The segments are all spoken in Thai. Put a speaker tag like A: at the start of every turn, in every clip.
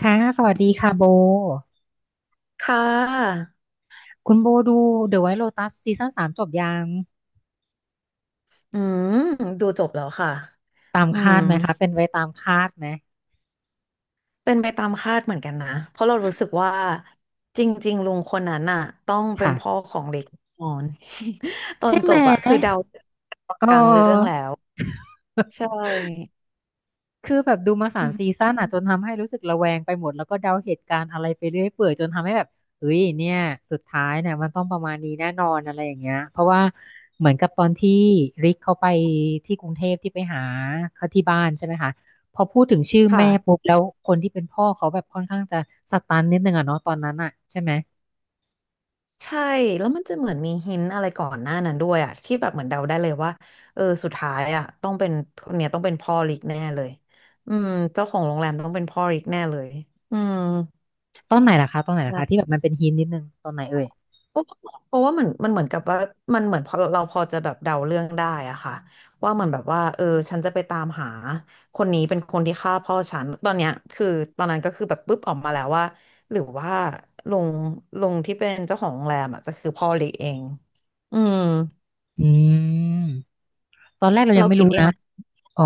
A: ค่ะสวัสดีค่ะโบ
B: ค่ะ
A: คุณโบดู The White Lotus ซีซั่นสามจบยัง
B: อืมดูจบแล้วค่ะ
A: ตาม
B: อื
A: คา
B: ม
A: ดไหมคะเป็นไปตามคาดไหม
B: เป็นไปตามคาดเหมือนกันนะเพราะเรารู้สึกว่าจริงๆลุงคนนั้นน่ะต้องเป็นพ่อ
A: ค่ะ
B: ของเล็กแนนอน ตอ
A: ใช่
B: นจ
A: ไหม
B: บอะคือเดาตอน
A: เอ
B: กลางเรื่องแล้
A: อ
B: ว ใช่
A: คือแบบดูมาสา
B: อื
A: มซี
B: ม
A: ซั่นอ่ะจนทำให้รู้สึกระแวงไปหมดแล้วก็เดาเหตุการณ์อะไรไปเรื่อยเปื่อยจนทำให้แบบเฮ้ยเนี่ยสุดท้ายเนี่ยมันต้องประมาณนี้แน่นอนอะไรอย่างเงี้ยเพราะว่าเหมือนกับตอนที่ริกเขาไปที่กรุงเทพที่ไปหาเขาที่บ้านใช่ไหมคะพอพูดถึงชื่อแม่
B: ค่ะ
A: ปุ๊บแล้วคนที่เป็นพ่อเขาแบบค่อนข้างจะสตันนิดนึงอะเนาะตอนนั้นอะใช่ไหม
B: ใช่แล้วมันจะเหมือนมีหินอะไรก่อนหน้านั้นด้วยอะที่แบบเหมือนเดาได้เลยว่าเออสุดท้ายอะต้องเป็นคนเนี่ยต้องเป็นพ่อเล็กแน่เลยอืมเจ้าของโรงแรมต้องเป็นพ่อเล็กแน่เลยอืม
A: ตอนไหนล่ะคะตอนไหนล่ะคะที่แบบมันเป็นฮินนิดนึงตอนไหนเอ่ย
B: เพราะเพราะว่ามันเหมือนกับว่ามันเหมือนพอเราพอจะแบบเดาเรื่องได้อะค่ะว่ามันแบบว่าเออฉันจะไปตามหาคนนี้เป็นคนที่ฆ่าพ่อฉันตอนเนี้ยคือตอนนั้นก็คือแบบปุ๊บออกมาแล้วว่าหรือว่าลุงลุงที่เป็นเจ้าของโรงแรมอ่ะจะคือพ่อเล็กเองอืม
A: อืมตอนแรกเรายั
B: เรา
A: งไม่
B: คิ
A: รู้
B: ดเอง
A: นะ
B: แหละ
A: อ๋อ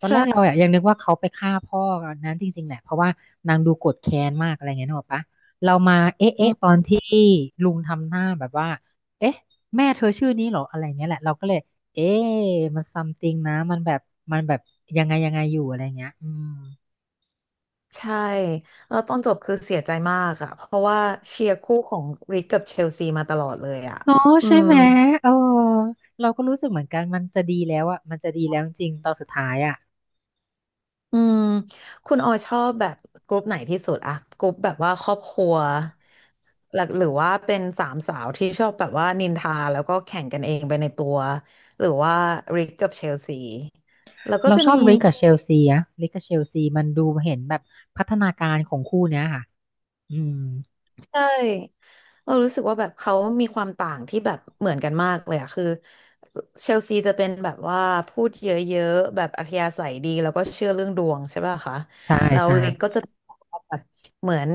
A: ตอนแรกเรา
B: ใช่
A: อะยังนึกว่าเขาไปฆ่าพ่อนั้นจริงๆแหละเพราะว่านางดูโกรธแค้นมากอะไรเงี้ยนึกออกปะเรามาเอ๊ะ
B: อื
A: เอ๊ะ
B: ม
A: ตอนที่ลุงทำหน้าแบบว่าเอ๊ะแม่เธอชื่อนี้เหรออะไรเงี้ยแหละเราก็เลยเอ๊ะมันซัมติงนะมันแบบยังไงยังไงอยู่อะไรเงี้ยอืม
B: ใช่แล้วตอนจบคือเสียใจมากอะเพราะว่าเชียร์คู่ของริกกับเชลซีมาตลอดเลยอะ
A: เนาะ
B: อื
A: ใช่
B: ม
A: ไหมเออเราก็รู้สึกเหมือนกันมันจะดีแล้วอะมันจะดีแล้วจริงๆตอนสุดท้ายอะ
B: อืมคุณออยชอบแบบกรุ๊ปไหนที่สุดอะกรุ๊ปแบบว่าครอบครัวหลักหรือว่าเป็นสามสาวที่ชอบแบบว่านินทาแล้วก็แข่งกันเองไปในตัว หรือว่าริกกับเชลซี แล้วก็
A: เรา
B: จะ
A: ชอ
B: มี
A: บริกกับเชลซีอะริกกับเชลซีมันดูเห็นแบบพัฒนาการของคู่เนี้ยค่ะอืม
B: ใช่เรารู้สึกว่าแบบเขามีความต่างที่แบบเหมือนกันมากเลยอะคือเชลซีจะเป็นแบบว่าพูดเยอะๆแบบอัธยาศัยดีแล้วก็เชื่อเรื่องดวงใช่ป่ะคะ
A: ใช่
B: แล้ว
A: ใช่
B: ลิกก็จะแบบเหมือน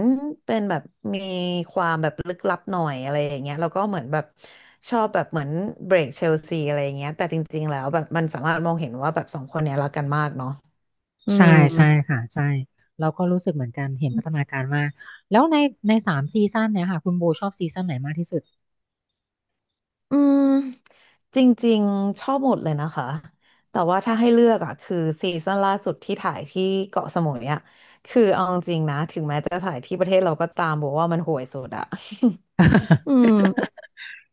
B: เป็นแบบมีความแบบลึกลับหน่อยอะไรอย่างเงี้ยแล้วก็เหมือนแบบชอบแบบเหมือนเบรกเชลซีอะไรอย่างเงี้ยแต่จริงๆแล้วแบบมันสามารถมองเห็นว่าแบบสองคนเนี้ยรักกันมากเนาะอื
A: ใช่
B: ม
A: ใช่ค่ะใช่เราก็รู้สึกเหมือนกันเห็นพัฒนาการมากแล้วในสามซีซั่นเนี่ยค่ะคุณโบชอบซีซั่นไหนมากที่สุด
B: อืมจริงๆชอบหมดเลยนะคะแต่ว่าถ้าให้เลือกอ่ะคือซีซั่นล่าสุดที่ถ่ายที่เกาะสมุยอ่ะคือเอาจริงๆนะถึงแม้จะถ่ายที่ประเทศเราก็ตามบอกว่ามันห่วยสุดอ่ะ อืม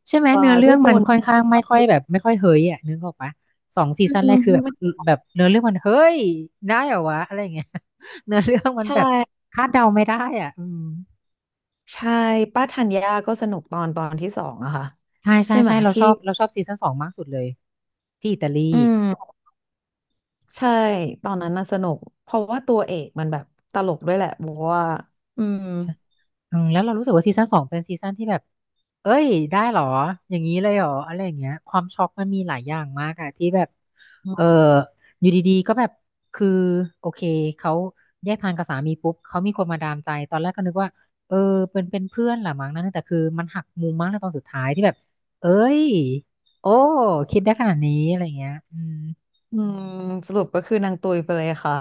A: ใช่ไหม
B: ว่า
A: เนื้อเรื่
B: ด้
A: อ
B: ว
A: ง
B: ยตั
A: มั
B: ว
A: นค่อนข้างไม่ค่อยแบบไม่ค่อยเฮ้ยอ่ะนึกออกปะสองซี
B: อื
A: ซั่นแรก
B: ม
A: คือแบบ
B: ไม่
A: แบบเนื้อเรื่องมันเฮ้ยได้เหรอวะอะไรอย่างเงี้ย เนื้อเรื่องมัน
B: ใช่
A: แบบคาดเดาไม่ได้อ่ะอืม
B: ใช่ป้าธัญญาก็สนุกตอนที่สองอะค่ะ
A: ใช่ใช่
B: ใช่ไหม
A: ใช่เราช
B: ที่
A: อบเราชอบซีซั่นสองมากสุดเลยที่อิตาลี
B: อืมใช่ตอนนั้นน่ะสนุกเพราะว่าตัวเอกมันแบบตลกด้วยแหละบอกว่าอืม
A: อืมแล้วเรารู้สึกว่าซีซั่นสองเป็นซีซั่นที่แบบเอ้ยได้เหรอ อย่างนี้เลยเหรอ อะไรอย่างเงี้ยความช็อกมันมีหลายอย่างมากอะที่แบบเอออยู่ดีๆก็แบบคือโอเคเขาแยกทางกับสามีปุ๊บ เขามีคนมาดามใจตอนแรกก็นึกว่าเออเป็นเป็นเพื่อนแหละมั้งนะแต่คือมันหักมุมมากในตอนสุดท้ายที่แบบเอ้ยโอ้คิดได้ขนาดนี้อะไรอย่างเงี้ยอืม
B: อืมสรุปก็คือนางตุยไปเลยค่ะ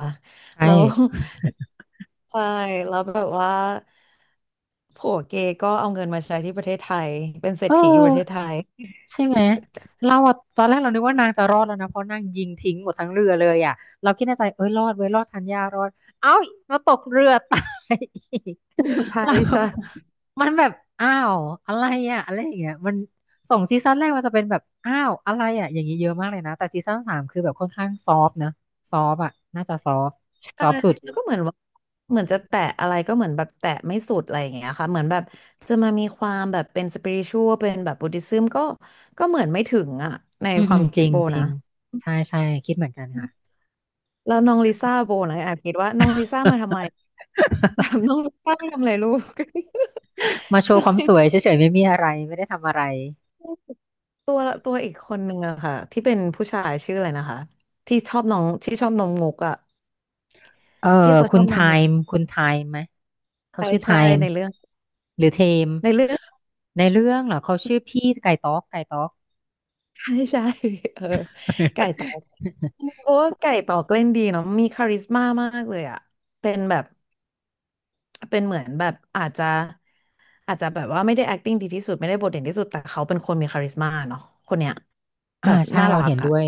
A: ใช
B: แล้ว
A: ่
B: ใช่แล้วแบบว่าผัวเกย์ก็เอาเงินมาใช้ที่ประเทศไทยเป็นเศร
A: เอ
B: ษ
A: อ
B: ฐีอยู่ประเทศไทย
A: ใช่ไหมเราอะตอนแรกเรานึกว่านางจะรอดแล้วนะเพราะนางยิงทิ้งหมดทั้งเรือเลยอ่ะเราคิดในใจเอ้ยรอดเว้ยรอดชันญารอดเอ้ามาตกเรือตาย อีก
B: ใช่
A: เรา
B: ใช่
A: มันแบบอ้าวอะไรอ่ะอะไรอย่างเงี้ยมันสองซีซั่นแรกมันจะเป็นแบบอ้าวอะไรอ่ะอย่างนี้เยอะมากเลยนะแต่ซีซั่นสามคือแบบค่อนข้างซอฟต์นะซอฟต์อ่ะน่าจะซอฟต์
B: ใช่
A: ซอฟต์สุด
B: แล้วก็เหมือนว่าเหมือนจะแตะอะไรก็เหมือนแบบแตะไม่สุดอะไรอย่างเงี้ยค่ะเหมือนแบบจะมามีความแบบเป็นสปิริชวลเป็นแบบบุ d ธิซึมก็ก็เหมือนไม่ถึงอ่ะใน
A: อืม
B: ควา
A: อื
B: ม
A: มจ
B: คิด
A: ริง
B: โบ
A: จริ
B: นะ
A: งใช่ใช่คิดเหมือนกันค่ะ
B: แล้วน้องลิซ่าโบนะแอบคิดว่าน้องลิซ่ามาทำไม แบบน้องลิซ่ามาทำอะไรลูก
A: มาโช
B: ใช่
A: ว์ความสวยเฉยๆไม่มีอะไรไม่ได้ทำอะไร
B: ตัวละตัวอีกคนหนึ่งอะค่ะที่เป็นผู้ชายชื่ออะไรนะคะที่ชอบน้องที่ชอบน้องมุกอะ
A: เออ
B: ที่เขาช
A: คุ
B: อ
A: ณ
B: บ
A: ไท
B: น้องมุก
A: ม์คุณไทม์ไหมเขา
B: ใช่
A: ชื่อไท
B: ใช่
A: ม์
B: ในเรื่อง
A: หรือเทม
B: ในเรื่อง
A: ในเรื่องเหรอเขาชื่อพี่ไก่ต๊ อกไก่ต๊อก
B: ใช่ใช่เออไก่ตอกเพราะว่าไก่ตอกเล่นดีเนาะมีคาริสม่ามากเลยอะเป็นแบบเป็นเหมือนแบบอาจจะอาจจะแบบว่าไม่ได้ acting ดีที่สุดไม่ได้บทเด่นที่สุดแต่เขาเป็นคนมีคาริสม่าเนาะคนเนี้ย
A: อ่า
B: แบบ
A: ใช่
B: น่า
A: เรา
B: รัก
A: เห็นด้
B: อะ
A: วย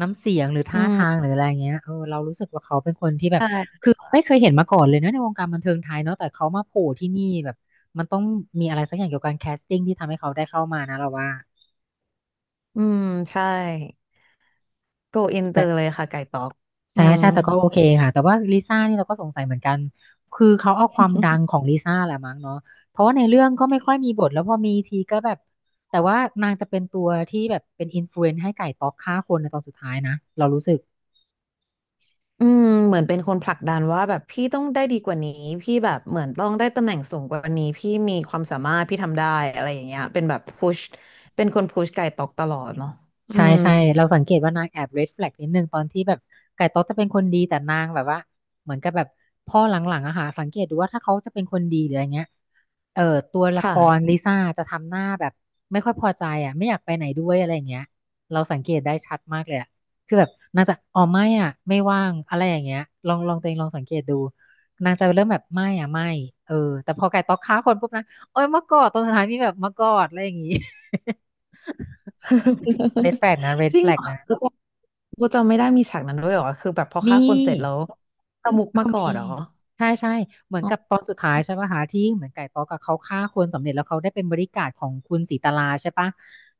A: น้ำเสียงหรือท่า
B: อืม
A: ทางหรืออะไรเงี้ยเออเรารู้สึกว่าเขาเป็นคนที่แบบ
B: ใช่
A: คือไม่เคยเห็นมาก่อนเลยนะในวงการบันเทิงไทยเนาะแต่เขามาโผล่ที่นี่แบบมันต้องมีอะไรสักอย่างเกี่ยวกับการแคสติ้งที่ทำให้เขาได้เข้ามานะเราว่า
B: อืมใช่ โกอินเตอร์เลยค่ะไก่ต๊อกอื
A: ใช่
B: ม
A: ใช่แต่ก็โอเคค่ะแต่ว่าลิซ่านี่เราก็สงสัยเหมือนกันคือเขาเอาความดังของลิซ่าแหละมั้งเนาะเพราะว่าในเรื่องก็ไม่ค่อยมีบทแล้วพอมีทีก็แบบแต่ว่านางจะเป็นตัวที่แบบเป็นอินฟลูเอนซ์ให้ไก่ต๊อกฆ่าคนในตอนสุดท้ายนะเรารู้สึก
B: อืมเหมือนเป็นคนผลักดันว่าแบบพี่ต้องได้ดีกว่านี้พี่แบบเหมือนต้องได้ตำแหน่งสูงกว่านี้พี่มีความสามารถพี่ทำได้อะไรอย่างเงี้ยเป็นแบบพุชเป็นคนพุชไก่ต๊อกตลอดเนาะอื
A: ใช่
B: ม
A: ใช่เราสังเกตว่านางแอบ red flag นิดนึงตอนที่แบบไก่ต๊อกจะเป็นคนดีแต่นางแบบว่าเหมือนกับแบบพ่อหลังๆอะค่ะสังเกตดูว่าถ้าเขาจะเป็นคนดีหรืออะไรเงี้ยเออตัวละค
B: ค่ะ
A: รลิซ่าจะทำหน้าแบบไม่ค่อยพอใจอะไม่อยากไปไหนด้วยอะไรอย่างเงี้ยเราสังเกตได้ชัดมากเลยอะคือแบบนางจะอ๋อไม่อ่ะไม่ว่างอะไรอย่างเงี้ยลองลองตัวเองลองสังเกตดูนางจะเริ่มแบบไม่อ่ะไม่เออแต่พอไก่ต๊อกฆ่าคนปุ๊บนะโอ้ยมากอดตรงสุดท้ายมีแบบมากอดอะไรอย่างงี้ เรด แฟลกนะเรด
B: จริ
A: แฟ
B: ง
A: ล
B: เหร
A: ก
B: อ
A: นะ
B: กูจำไม่ได้มีฉากนั้นด้วยเหรอคือแบบพอฆ่า
A: มี
B: คนเสร็จแล้วตะมุกมา
A: ก็
B: ก่อ
A: มี
B: นเหรอ
A: ใช่ใช่เหมือน
B: อ๋
A: กับ
B: อ
A: ตอนสุดท้ายใช่ปะหาที่เหมือนไก่ต๊อกกับเขาฆ่าคนสำเร็จแล้วเขาได้เป็นบริการดของคุณศรีตลาใช่ปะ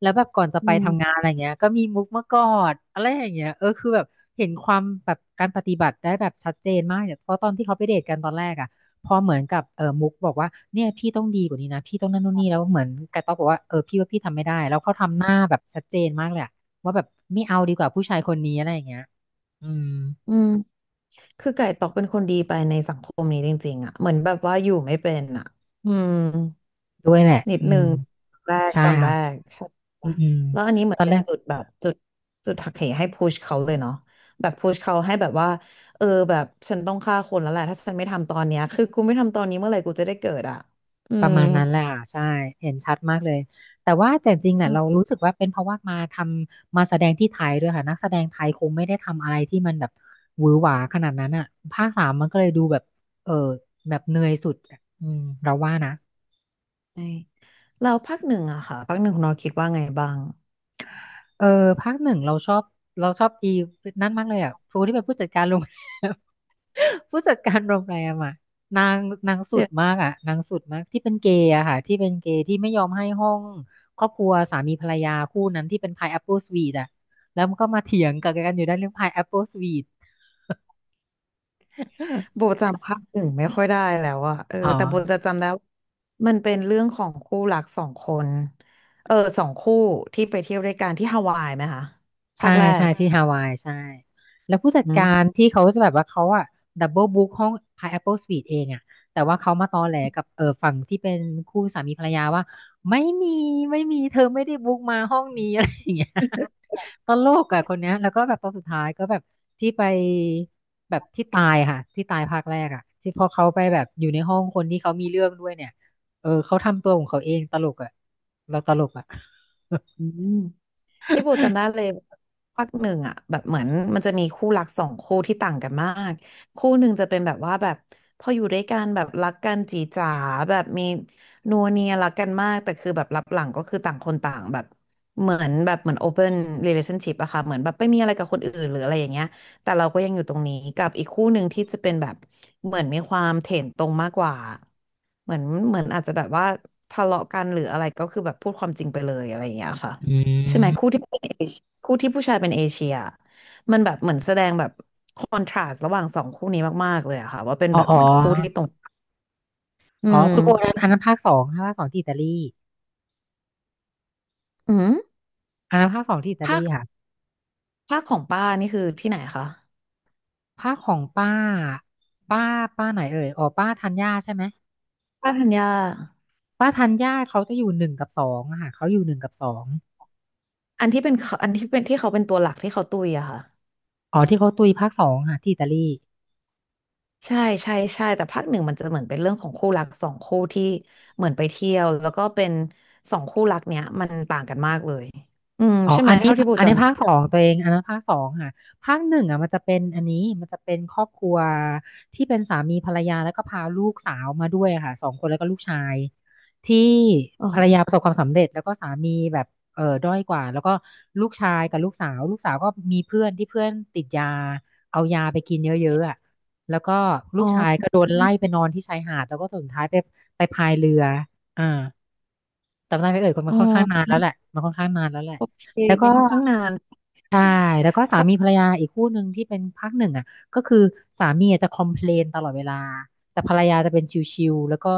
A: แล้วแบบก่อนจะไป
B: อื
A: ทำงาน
B: ม
A: อะไรเงี้ยก็มีมุกมากอดอะไรอย่างเงี้ยคือแบบเห็นความแบบการปฏิบัติได้แบบชัดเจนมากเนี่ยเพราะตอนที่เขาไปเดทกันตอนแรกอ่ะพอเหมือนกับมุกบอกว่าเนี่ยพี่ต้องดีกว่านี้นะพี่ต้องนั่นนู่นนี่แล้วเหมือนไก่ต๊อกบอกว่าเออพี่ว่าพี่ทำไม่ได้แล้วเขาทำหน้าแบบชัดเจนมากเลยอะว่าแบบไม่เอาดีกว่าผู้ชายคนนี้อะไรอย่างเงี้ยอืม
B: อืมคือไก่ตอกเป็นคนดีไปในสังคมนี้จริงๆอ่ะเหมือนแบบว่าอยู่ไม่เป็นอ่ะอืม
A: ด้วยแหละ
B: นิด
A: อื
B: นึ
A: ม
B: งแรก
A: ใช่
B: ตอนแร
A: ค่ะ
B: กใช่
A: อื
B: ค่ะ
A: มอืม
B: แล้วอันนี้เหมื
A: ต
B: อ
A: อ
B: น
A: น
B: เป็
A: แร
B: น
A: ก
B: จุดแบบจุดหักเหให้พุชเขาเลยเนาะแบบพุชเขาให้แบบว่าเออแบบฉันต้องฆ่าคนแล้วแหละถ้าฉันไม่ทำตอนเนี้ยคือกูไม่ทำตอนนี้เมื่อไหร่กูจะได้เกิดอ่ะอื
A: ประ
B: ม
A: มาณนั้นแหละค่ะ ใช่ เห็นชัดมากเลย แต่ว่าแต่จริงๆเนี่
B: อื
A: ย
B: ม
A: เรารู้สึกว่าเป็นเพราะว่ามาทำมาแสดงที่ไทยด้วยค่ะนักแสดงไทยคงไม่ได้ทำอะไรที่มันแบบหวือหวาขนาดนั้นอ่ะภาคสามมันก็เลยดูแบบเออแบบเหนื่อยสุดอะอืมเราว่านะ
B: ใช่แล้วภาคหนึ่งอะค่ะภาคหนึ่งคุณนอคิดว่าไงบ้าง
A: เออภาคหนึ่งเราชอบอีนั่นมากเลยอ่ะครูที่เป็นผู้จัดการโรง แรม ผู้จัดการโรงแรมอ่ะนางนางสุ
B: เดี๋
A: ด
B: ยว
A: มากอ่ะนางสุดมากที่เป็นเกย์อะค่ะที่เป็นเกย์ที่ไม่ยอมให้ห้องครอบครัวสามีภรรยาคู่นั้นที่เป็นพายแอปเปิลสวีทอ่ะแล้วมันก็มาเถียงกับกันอยู่ได้านเรื่องพายแอปเปิลสวีท
B: โบ จำภาคหนึ่งไม่ค่อยได้แล้วอะเออ
A: อ๋อ
B: แต่โบจะจำได้ว่ามันเป็นเรื่องของคู่รักสองคนเออสองคู่ที่ไปเที่ยวด้วยกันที่ฮาวายไหมคะภา
A: ใช่
B: คแร
A: ใช่
B: ก
A: ที่ฮาวายใช่แล้วผู้จัดการ
B: นะ
A: ที่เขาจะแบบว่าเขาอะดับเบิลบุ๊กห้อง Pineapple Suite เองอะแต่ว่าเขามาตอแหลกับฝั่งที่เป็นคู่สามีภรรยาว่าไม่มีไม่มีเธอไม่ได้บุ๊กมาห้องนี้ อะไรอย่างเงี้ยตลกอะคนเนี้ยแล้วก็แบบตอนสุดท้ายก็แบบที่ไปแบบที่ตายค่ะที่ตายภาคแรกอะที่พอเขาไปแบบอยู่ในห้องคนที่เขามีเรื่องด้วยเนี่ยเออเขาทำตัวของเขาเองตลกอะเราตลกอะ
B: อืม ที่โบจำได้เลยภาคหนึ่งอ่ะแบบเหมือนมันจะมีคู่รักสองคู่ที่ต่างกันมากคู่หนึ่งจะเป็นแบบว่าแบบพออยู่ด้วยกันแบบรักกันจีจ๋าแบบมีนัวเนียรักกันมากแต่คือแบบรับหลังก็คือต่างคนต่างแบบเหมือน open relationship อะค่ะเหมือนแบบไม่มีอะไรกับคนอื่นหรืออะไรอย่างเงี้ยแต่เราก็ยังอยู่ตรงนี้กับอีกคู่หนึ่งที่จะเป็นแบบเหมือนมีความเถนตรงมากกว่าเหมือนเหมือนอาจจะแบบว่าทะเลาะกันหรืออะไรก็คือแบบพูดความจริงไปเลยอะไรอย่างเงี้ยค่ะ
A: อื
B: ใช่ไหมคู่
A: ม
B: ที่เป็นเอเชียคู่ที่ผู้ชายเป็นเอเชียมันแบบเหมือนแสดงแบบคอนทราสต์ระหว่างสองคู่นี้มากๆเลยอะค่ะว่าเป็น
A: อ๋อ
B: แบบ
A: อ๋อ
B: เหมือนคู่ที่ตรงอื
A: อ๋อ คุณโบนั้น
B: ม
A: อันนั้นภาคสองค่ะภาคสองที่อิตาลี
B: อืม
A: อันนั้นภาคสองที่อิตาลี
B: ภาค
A: ค่ะ
B: ภาคของป้านี่คือที่ไหนคะ
A: ภาคของป้า ป้า ป้าไหนเอ่ยอ๋อป้าธัญญาใช่ไหม
B: ป้าธัญญา
A: ป้าธัญญาเขาจะอยู่หนึ่งกับสองอะค่ะเขาอยู่หนึ่งกับสอง
B: อันที่เป็นเขาอันที่เป็นที่เขาเป็นตัวหลักที่เขาตุยอะค่ะ
A: อ๋อที่เขาตุยภาคสองค่ะที่อิตาลี
B: ใช่ใช่แต่ภาคหนึ่งมันจะเหมือนเป็นเรื่องของคู่รักสองคู่ที่เหมือนไปเที่ยวแล้วก็เป็นสองคู่รักเนี้ยมันต่างกันมากเลยอืม
A: อ๋อ
B: ใช่ไห
A: อั
B: ม
A: นนี้
B: เท่าที่โบจ
A: ภาคสองตัวเองอันนั้นภาคสองค่ะภาคหนึ่งอ่ะมันจะเป็นอันนี้มันจะเป็นครอบครัวที่เป็นสามีภรรยาแล้วก็พาลูกสาวมาด้วยอะค่ะสองคนแล้วก็ลูกชายที่
B: ำ
A: ภรรยาประสบความสำเร็จแล้วก็สามีแบบเออด้อยกว่าแล้วก็ลูกชายกับลูกสาวลูกสาวก็มีเพื่อนที่เพื่อนติดยาเอายาไปกินเยอะๆอ่ะแล้วก็ลู
B: อ๋อ
A: กชายก็โดนไล่ไปนอนที่ชายหาดแล้วก็สุดท้ายไปพายเรืออ่า แต่ไม่ันเอ่ยคนมั
B: อ๋
A: นค่อนข้างนาน
B: อ
A: แล้วแหละมันค่อนข้างนานแล้วแหละ
B: โอเค
A: แล้ว
B: มั
A: ก็
B: นค่อนข้างนาน
A: ใช่แล้วก็สามี
B: ค่ะ
A: ภรรยาอีกคู่หนึ่งที่เป็นภาคหนึ่งอ่ะก็คือสามีอะจะคอมเพลนตลอดเวลาแต่ภรรยาจะเป็นชิลๆแล้วก็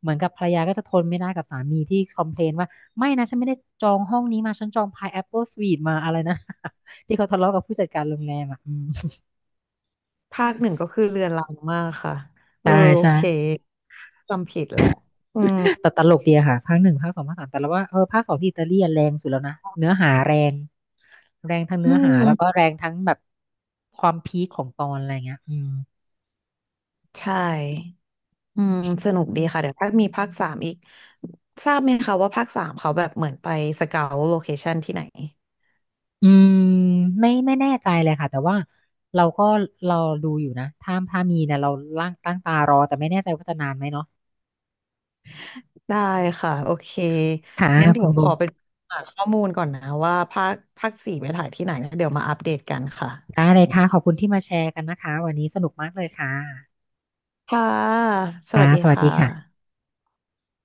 A: เหมือนกับภรรยาก็จะทนไม่ได้กับสามีที่คอมเพลนว่าไม่นะฉันไม่ได้จองห้องนี้มาฉันจองพายแอปเปิลสวีทมาอะไรนะ ที่เขาทะเลาะกับผู้จัดการโรงแรมอ่ะอืม
B: ภาคหนึ่งก็คือเรือนรังมากค่ะเออ
A: ใช่
B: โอ
A: ใช่
B: เคจำผิดแหละอืม
A: แต่ตลกดีอะค่ะภาคหนึ่งภาคสองภาคสามแต่เราว่าภาคสองที่อิตาลีอะแรงสุดแล้วนะเนื้อหาแรง แรงทั้ง
B: อื
A: เนื้อหาแล้วก็
B: ม
A: แรงทั้งแบบความพีคของตอนอะไรเงี้ยอืม
B: ใช่อืมสนุกดีค่ะเดี๋ยวถ้ามีภาคสามอีกทราบไหมคะว่าภาคสามเขาแบบเหมือนไปสเกาโลเคชันที่ไหน
A: อืมไม่แน่ใจเลยค่ะ แต่ว่าเราก็เราดูอยู่นะถ้ามีเนี่ยเราล่างตั้งตารอ แต่ไม่แน่ใจว่าจะนานไหมเนาะ
B: ได้ค่ะโอเค
A: ค่ะ
B: งั้นเดี๋
A: คุ
B: ย
A: ณ
B: ว
A: โบ
B: ขอไปหาข้อมูลก่อนนะว่าภาคสี่ไปถ่ายที่ไหนนะเดี๋ยวมาอัปเดตกันค่ะ
A: ได้เลยค่ะขอบคุณที่มาแชร์กันนะคะวันนี้สนุกมากเลยค่ะ
B: ค่ะ สวัสดีค่ะ